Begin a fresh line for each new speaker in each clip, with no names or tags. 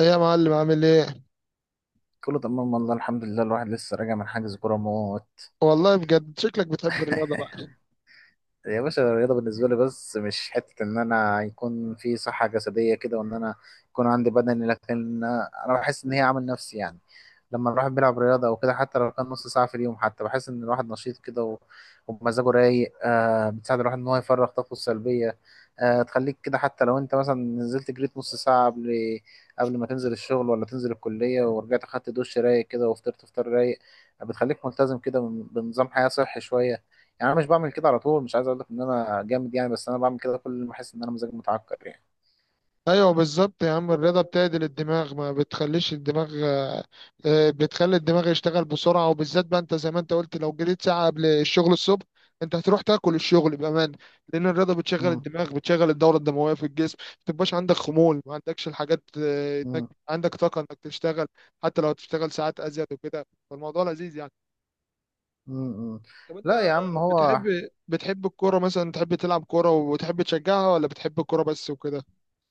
ايه يا معلم عامل ايه؟
كله تمام، والله الحمد لله. الواحد لسه راجع من حجز كورة موت.
والله بجد شكلك بتحب الرياضه بقى.
يا باشا، الرياضة بالنسبة لي بس مش حتة إن أنا يكون في صحة جسدية كده وإن أنا يكون عندي بدني، لكن أنا بحس إن هي عامل نفسي يعني. لما الواحد بيلعب رياضة أو كده، حتى لو كان نص ساعة في اليوم، حتى بحس إن الواحد نشيط كده ومزاجه رايق. بتساعد الواحد إن هو يفرغ طاقته السلبية. تخليك كده، حتى لو أنت مثلا نزلت جريت نص ساعة قبل ما تنزل الشغل ولا تنزل الكلية، ورجعت أخدت دش رايق كده وفطرت فطار رايق. بتخليك ملتزم كده بنظام حياة صحي شوية. يعني انا مش بعمل كده على طول. مش عايز اقول لك ان انا جامد يعني، بس انا بعمل كده كل ما احس ان انا مزاجي متعكر يعني.
ايوه بالظبط يا عم، الرياضه بتعدل الدماغ، ما بتخليش الدماغ بتخلي الدماغ يشتغل بسرعه، وبالذات بقى انت زي ما انت قلت لو جريت ساعه قبل الشغل الصبح انت هتروح تاكل الشغل بامان. لان الرياضه بتشغل
مم.
الدماغ، بتشغل الدوره الدمويه في الجسم، ما تبقاش عندك خمول، ما عندكش الحاجات
مم.
عندك طاقه انك تشتغل، حتى لو تشتغل ساعات ازيد وكده، فالموضوع لذيذ يعني.
مم. مم.
طب
لا
انت
يا عم، هو.
بتحب الكوره مثلا، تحب تلعب كوره وتحب تشجعها، ولا بتحب الكوره بس وكده؟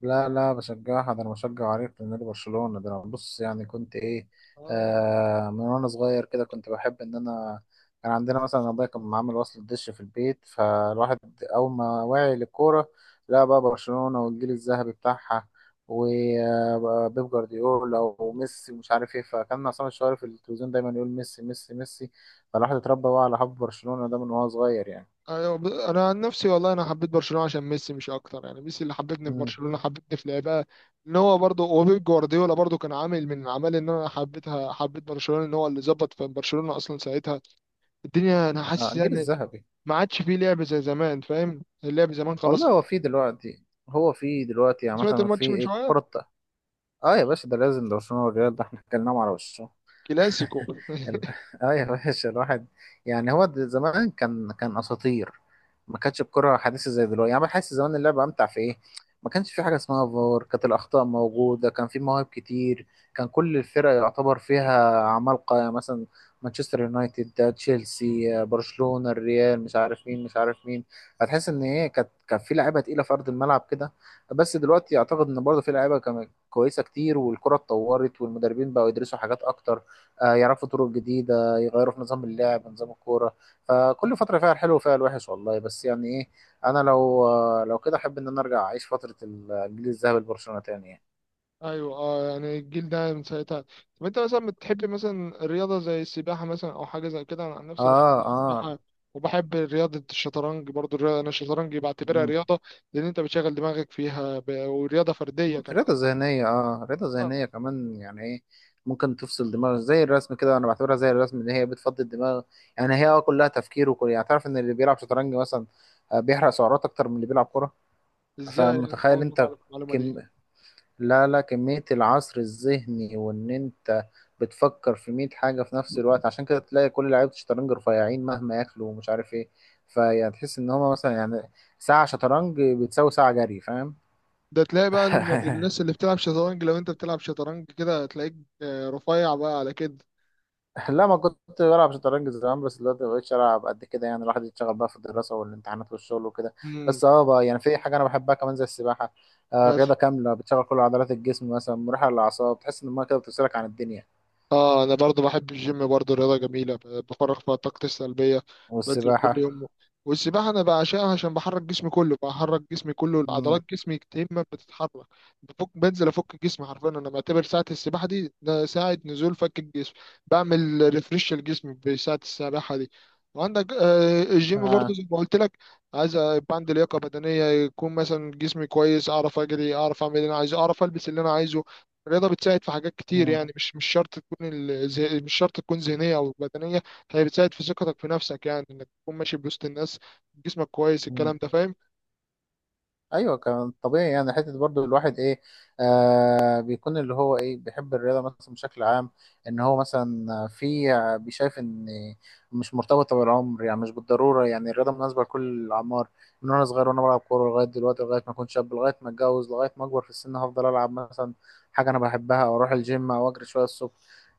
لا، لا، بشجعها. ده انا بشجع عريق لنادي برشلونة. ده انا بص يعني كنت ايه.
اه
آه، من وانا صغير كده كنت بحب ان انا كان عندنا مثلا ابويا كان عامل وصل دش في البيت، فالواحد اول ما وعي للكورة، لا بقى، برشلونة والجيل الذهبي بتاعها، وبيب جوارديولا وميسي ومش عارف ايه، فكان عصام الشوالي في التلفزيون دايما يقول ميسي ميسي ميسي. فالواحد اتربى بقى على حب برشلونة ده من وهو صغير يعني.
ايوه، انا عن نفسي والله انا حبيت برشلونه عشان ميسي مش اكتر يعني، ميسي اللي حببني في
امم.
برشلونه، حببني في لعبها. ان هو برضه وبيب جوارديولا برضه كان عامل من عمال ان انا حبيتها، حبيت برشلونه، ان هو اللي ظبط في برشلونه اصلا ساعتها الدنيا، انا
آه،
حاسس
الجيل
يعني
الذهبي.
ما عادش فيه لعب زي زمان. فاهم؟ اللعب زمان خلاص.
والله هو في دلوقتي يعني
سمعت
مثلا في
الماتش من
ايه
شويه،
كرة. اه يا باشا، ده لازم، ده برشلونة والريال، ده احنا اتكلمنا على وشه.
كلاسيكو.
ال- اه يا باشا، الواحد يعني هو زمان كان اساطير. ما كانتش الكرة حديثة زي دلوقتي، يعني بحس زمان اللعبة امتع في ايه. ما كانش في حاجة اسمها فار، كانت الاخطاء موجودة، كان في مواهب كتير. كان كل الفرق يعتبر فيها عمالقة، يعني مثلا مانشستر يونايتد، ده تشيلسي، برشلونة، الريال، مش عارف مين مش عارف مين. هتحس ان ايه، كان في لعيبة تقيلة في ارض الملعب كده. بس دلوقتي اعتقد ان برضه في لعيبة كمان كويسة كتير، والكرة اتطورت، والمدربين بقوا يدرسوا حاجات اكتر. يعرفوا طرق جديدة، يغيروا في نظام اللعب، نظام الكورة. فكل فترة فيها الحلو وفيها الوحش والله، بس يعني ايه، انا لو كده احب ان انا ارجع اعيش فترة الجيل الذهبي لبرشلونة تاني يعني.
ايوه اه، يعني الجيل ده من ساعتها. طب انت مثلا بتحب مثلا الرياضه زي السباحه مثلا او حاجه زي كده؟ انا عن نفسي بحب
اه، اه.
السباحه، وبحب رياضه الشطرنج برضو الرياضه، انا الشطرنج بعتبرها
مم.
رياضه، لان انت بتشغل دماغك فيها ورياضه فرديه
مم.
كمان.
رضا
آه،
ذهنية كمان، يعني ايه. ممكن تفصل دماغ زي الرسم كده، انا بعتبرها زي الرسم ان هي بتفضي الدماغ. يعني هي كلها تفكير، وكل يعني تعرف ان اللي بيلعب شطرنج مثلا، بيحرق سعرات اكتر من اللي بيلعب كورة.
ازاي يعني؟ أنا
فمتخيل
اول مره
انت؟
اعرف المعلومه دي.
لا، لا، كمية العصر الذهني، وان انت بتفكر في 100 حاجة في نفس الوقت، عشان كده تلاقي كل لعيبة الشطرنج رفيعين مهما ياكلوا ومش عارف ايه. فيعني تحس ان هما مثلا يعني ساعة شطرنج بتساوي ساعة جري، فاهم؟
ده تلاقي بقى الناس اللي بتلعب شطرنج، لو انت بتلعب شطرنج كده هتلاقيك رفيع بقى على كده.
لا، ما كنت بلعب شطرنج زمان، بس دلوقتي ما بقتش العب قد كده، يعني الواحد يتشغل بقى في الدراسة والامتحانات والشغل وكده.
امم،
بس اه بقى، يعني في حاجة انا بحبها كمان زي السباحة.
بس
الرياضة كاملة بتشغل كل عضلات الجسم، مثلا مريحة للأعصاب، تحس ان المية كده بتفصلك عن الدنيا.
اه انا برضو بحب الجيم، برضو رياضه جميله، بفرغ فيها طاقتي السلبيه، بنزل كل
والسباحة.
يوم. والسباحه انا بعشقها عشان بحرك جسمي كله، بحرك جسمي كله، عضلات
امم.
جسمي كتير ما بتتحرك، بفك، بنزل افك جسمي حرفيا، انا بعتبر ساعه السباحه دي ده ساعه نزول فك الجسم، بعمل ريفريش لجسمي بساعه السباحه دي. وعندك الجيم برضو زي ما قلت لك، عايز يبقى عندي لياقه بدنيه، يكون مثلا جسمي كويس، اعرف اجري، اعرف اعمل اللي انا عايزه، اعرف البس اللي انا عايزه. الرياضة بتساعد في حاجات كتير
مم.
يعني، مش شرط تكون مش شرط تكون ذهنية أو بدنية. هي بتساعد في ثقتك في نفسك، يعني إنك تكون ماشي بوسط الناس، جسمك كويس،
مم.
الكلام ده فاهم.
ايوه، كان طبيعي يعني، حته برضو الواحد ايه، بيكون اللي هو ايه، بيحب الرياضه مثلا بشكل عام، ان هو مثلا في بيشايف ان مش مرتبطه بالعمر، يعني مش بالضروره، يعني الرياضه مناسبه لكل الاعمار. من وانا صغير وانا بلعب كوره لغايه دلوقتي، لغايه ما اكون شاب، لغايه ما اتجوز، لغايه ما اكبر في السن، هفضل العب مثلا حاجه انا بحبها، او اروح الجيم، او اجري شويه الصبح.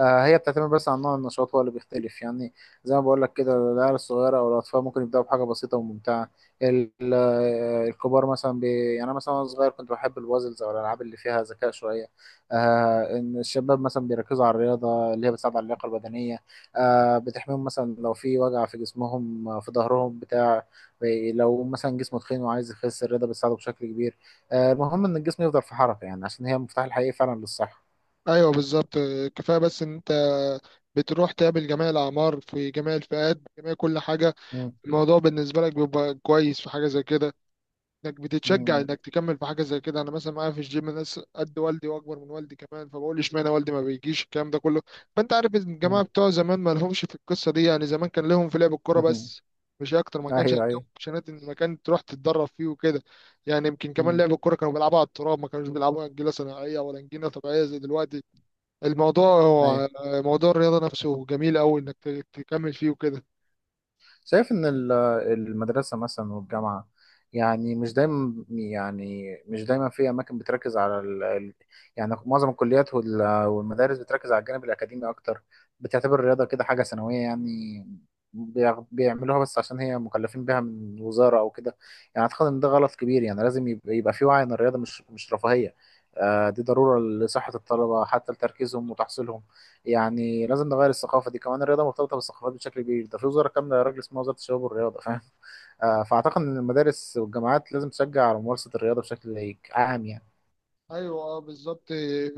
هي بتعتمد بس على نوع النشاط هو اللي بيختلف يعني. زي ما بقول لك كده، العيال الصغيره او الاطفال ممكن يبداوا بحاجه بسيطه وممتعه. الكبار مثلا يعني انا مثلا وانا صغير كنت بحب البازلز او الالعاب اللي فيها ذكاء شويه. ان الشباب مثلا بيركزوا على الرياضه اللي هي بتساعد على اللياقه البدنيه. بتحميهم مثلا لو في وجع في جسمهم، في ظهرهم بتاع، لو مثلا جسمه تخين وعايز يخس، الرياضه بتساعده بشكل كبير. المهم ان الجسم يفضل في حركه يعني، عشان هي المفتاح الحقيقي فعلا للصحه.
أيوه بالظبط. كفاية بس إن أنت بتروح تقابل جميع الأعمار، في جميع الفئات، جميع كل حاجة.
مم.
الموضوع بالنسبة لك بيبقى كويس في حاجة زي كده، انك بتتشجع
مم.
انك تكمل في حاجه زي كده. انا مثلا معايا في الجيم ناس قد والدي، واكبر من والدي كمان، فبقول اشمعنى والدي ما بيجيش الكلام ده كله. فانت عارف ان
مم.
الجماعه بتوع زمان ما لهمش في القصه دي، يعني زمان كان لهم في لعب الكوره بس، مش اكتر. ما كانش
ايوه،
عندهم
ايوه.
اوبشنات ان مكان تروح تتدرب فيه وكده. يعني يمكن كمان
مم.
لعب الكوره كانوا بيلعبوا على التراب، ما كانوش بيلعبوا انجيله صناعيه ولا انجيله طبيعيه زي دلوقتي. الموضوع
ايوه،
هو موضوع الرياضه نفسه جميل قوي انك تكمل فيه وكده.
شايف إن المدرسة مثلا والجامعة، يعني مش دايما في أماكن بتركز على يعني معظم الكليات والمدارس بتركز على الجانب الأكاديمي أكتر. بتعتبر الرياضة كده حاجة ثانوية يعني. بيعملوها بس عشان هي مكلفين بيها من وزارة أو كده. يعني أعتقد إن ده غلط كبير، يعني لازم يبقى في وعي إن الرياضة مش رفاهية. دي ضرورة لصحة الطلبة حتى لتركيزهم وتحصيلهم. يعني لازم نغير الثقافه دي كمان، الرياضه مرتبطه بالثقافات بشكل كبير، ده في وزاره كامله يا راجل اسمها وزاره الشباب والرياضه، فاهم؟ فاعتقد ان المدارس والجامعات لازم تشجع على ممارسه الرياضه بشكل عام يعني.
ايوه اه بالظبط.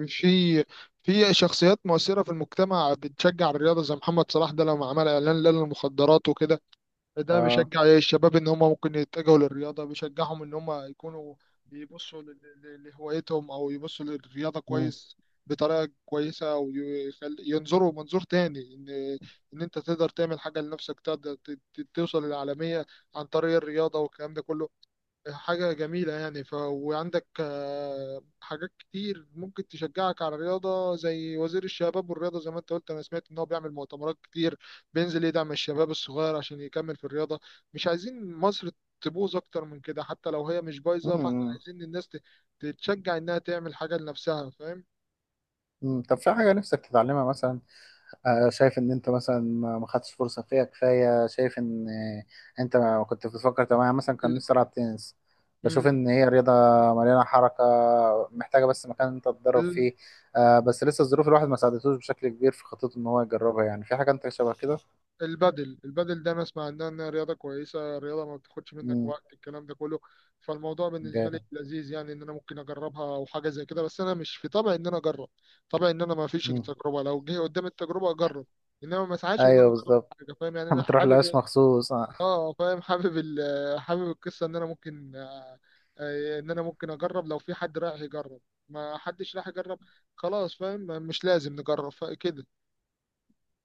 في في شخصيات مؤثره في المجتمع بتشجع الرياضه، زي محمد صلاح ده لما عمل اعلان لا للمخدرات وكده، ده
اه.
بيشجع الشباب ان هم ممكن يتجهوا للرياضه، بيشجعهم ان هم يكونوا يبصوا لهوايتهم او يبصوا للرياضه
مم.
كويس، بطريقه كويسه، وينظروا منظور تاني، ان انت تقدر تعمل حاجه لنفسك، تقدر توصل للعالميه عن طريق الرياضه والكلام ده كله. حاجة جميلة يعني. وعندك حاجات كتير ممكن تشجعك على الرياضة، زي وزير الشباب والرياضة زي ما انت قلت، انا سمعت ان هو بيعمل مؤتمرات كتير، بينزل يدعم الشباب الصغير عشان يكمل في الرياضة. مش عايزين مصر تبوظ اكتر من كده، حتى لو هي مش بايظة، فاحنا
مم.
عايزين الناس تتشجع انها تعمل حاجة لنفسها، فاهم؟
مم. طب في حاجه نفسك تتعلمها مثلا؟ شايف ان انت مثلا ما خدتش فرصه فيها كفايه، شايف ان انت ما كنت بتفكر، طب انا مثلا كان
ال...
نفسي العب تنس. بشوف
مم.
ان هي رياضه مليانه حركه، محتاجه بس مكان انت تتدرب فيه. بس لسه الظروف الواحد ما ساعدتوش بشكل كبير في خطته ان هو يجربها، يعني في حاجه انت شبه كده؟
البادل ده انا اسمع انها رياضه كويسه، رياضه ما بتاخدش منك
امم.
وقت، الكلام ده كله. فالموضوع بالنسبه لي
جامد.
لذيذ يعني، ان انا ممكن اجربها او حاجه زي كده، بس انا مش في طبع ان انا اجرب، طبع ان انا ما فيش
امم.
تجربه، لو جه قدام التجربه اجرب، انما ما سعاش ان انا
ايوه،
اجرب
بالظبط.
حاجه، فاهم يعني؟ انا
ما تروح
حابب
لهاش
إيه؟
مخصوص.
اه فاهم. حابب حابب القصه ان انا ممكن ان انا ممكن اجرب لو في حد رايح يجرب، ما حدش راح يجرب، خلاص، فاهم؟ مش لازم نجرب كده.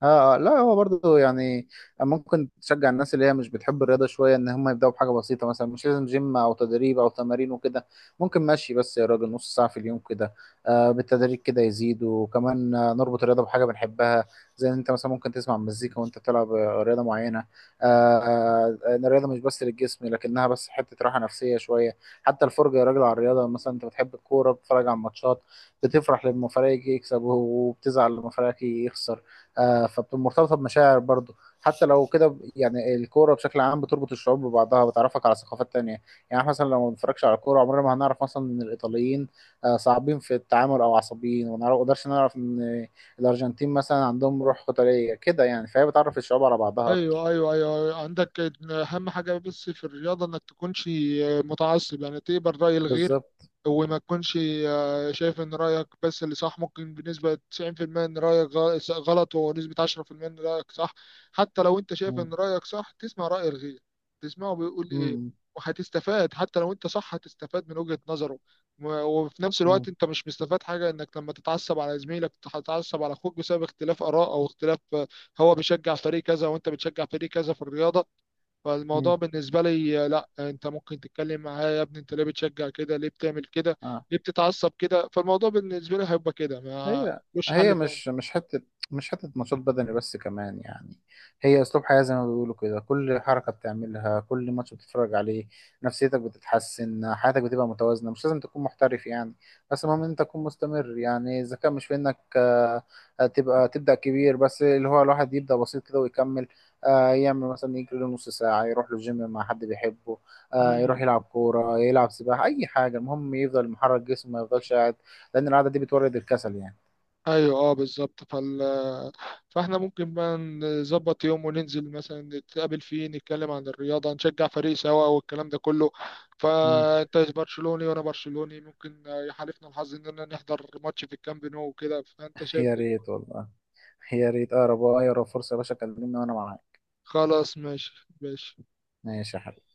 اه. لا هو برضه يعني، ممكن تشجع الناس اللي هي مش بتحب الرياضه شويه ان هم يبداوا بحاجه بسيطه، مثلا مش لازم جيم او تدريب او تمارين وكده. ممكن ماشي، بس يا راجل نص ساعه في اليوم كده. بالتدريج كده يزيد، وكمان نربط الرياضه بحاجه بنحبها. زي ان انت مثلا ممكن تسمع مزيكا وانت بتلعب رياضه معينه. آه. ان الرياضه مش بس للجسم لكنها بس حته راحه نفسيه شويه. حتى الفرجه يا راجل على الرياضه، مثلا انت بتحب الكوره بتتفرج على الماتشات، بتفرح لما فريقك يكسب وبتزعل لما فريقك يخسر. فمرتبطه بمشاعر برضه. حتى لو كده يعني الكوره بشكل عام بتربط الشعوب ببعضها، بتعرفك على ثقافات تانية. يعني إحنا مثلا لو ما بنتفرجش على الكوره عمرنا ما هنعرف مثلا ان الايطاليين صعبين في التعامل او عصبيين، وما نقدرش نعرف ان الارجنتين مثلا عندهم روح قتاليه كده، يعني فهي بتعرف الشعوب على بعضها اكتر.
ايوه ايوه ايوه أيوه. عندك اهم حاجه بس في الرياضه انك تكونش متعصب، يعني تقبل راي الغير،
بالظبط.
وما تكونش شايف ان رايك بس اللي صح. ممكن بنسبه 90% ان رايك غلط، ونسبه 10% ان رايك صح. حتى لو انت شايف
مم.
ان رايك صح، تسمع راي الغير، تسمعه بيقول ايه،
مم.
وهتستفاد. حتى لو انت صح هتستفاد من وجهه نظره. وفي نفس الوقت
مم.
انت مش مستفاد حاجه انك لما تتعصب على زميلك، تتعصب على اخوك بسبب اختلاف اراء او اختلاف، هو بيشجع فريق كذا وانت بتشجع فريق كذا في الرياضه. فالموضوع
مم.
بالنسبه لي لا، انت ممكن تتكلم معاه، يا ابني انت ليه بتشجع كده، ليه بتعمل كده،
آه.
ليه بتتعصب كده؟ فالموضوع بالنسبه لي هيبقى كده، ما
هي
مش
هي
حل تاني.
مش حتة نشاط بدني بس كمان يعني، هي أسلوب حياة زي ما بيقولوا كده، كل حركة بتعملها، كل ماتش بتتفرج عليه، نفسيتك بتتحسن، حياتك بتبقى متوازنة، مش لازم تكون محترف يعني. بس المهم إن أنت تكون مستمر، يعني إذا كان مش في إنك تبقى تبدأ كبير، بس اللي هو الواحد يبدأ بسيط كده ويكمل. يعمل مثلا يجري له نص ساعة، يروح له جيم مع حد بيحبه، يروح
مم.
يلعب كورة، يلعب سباحة، أي حاجة، المهم يفضل محرك جسمه ما يفضلش قاعد. لأن القعدة دي بتورد الكسل يعني.
ايوه اه بالظبط. فاحنا ممكن بقى نظبط يوم وننزل مثلا نتقابل فيه، نتكلم عن الرياضه، نشجع فريق سوا والكلام ده كله.
مم.
فانت برشلوني وانا برشلوني، ممكن يحالفنا الحظ اننا نحضر ماتش في الكامب نو وكده، فانت شايف
يا
إيه؟
ريت والله، يا ريت اقرب فرصه، يا باشا كلمني وانا معاك.
خلاص ماشي. ماشي.
ماشي يا حبيبي.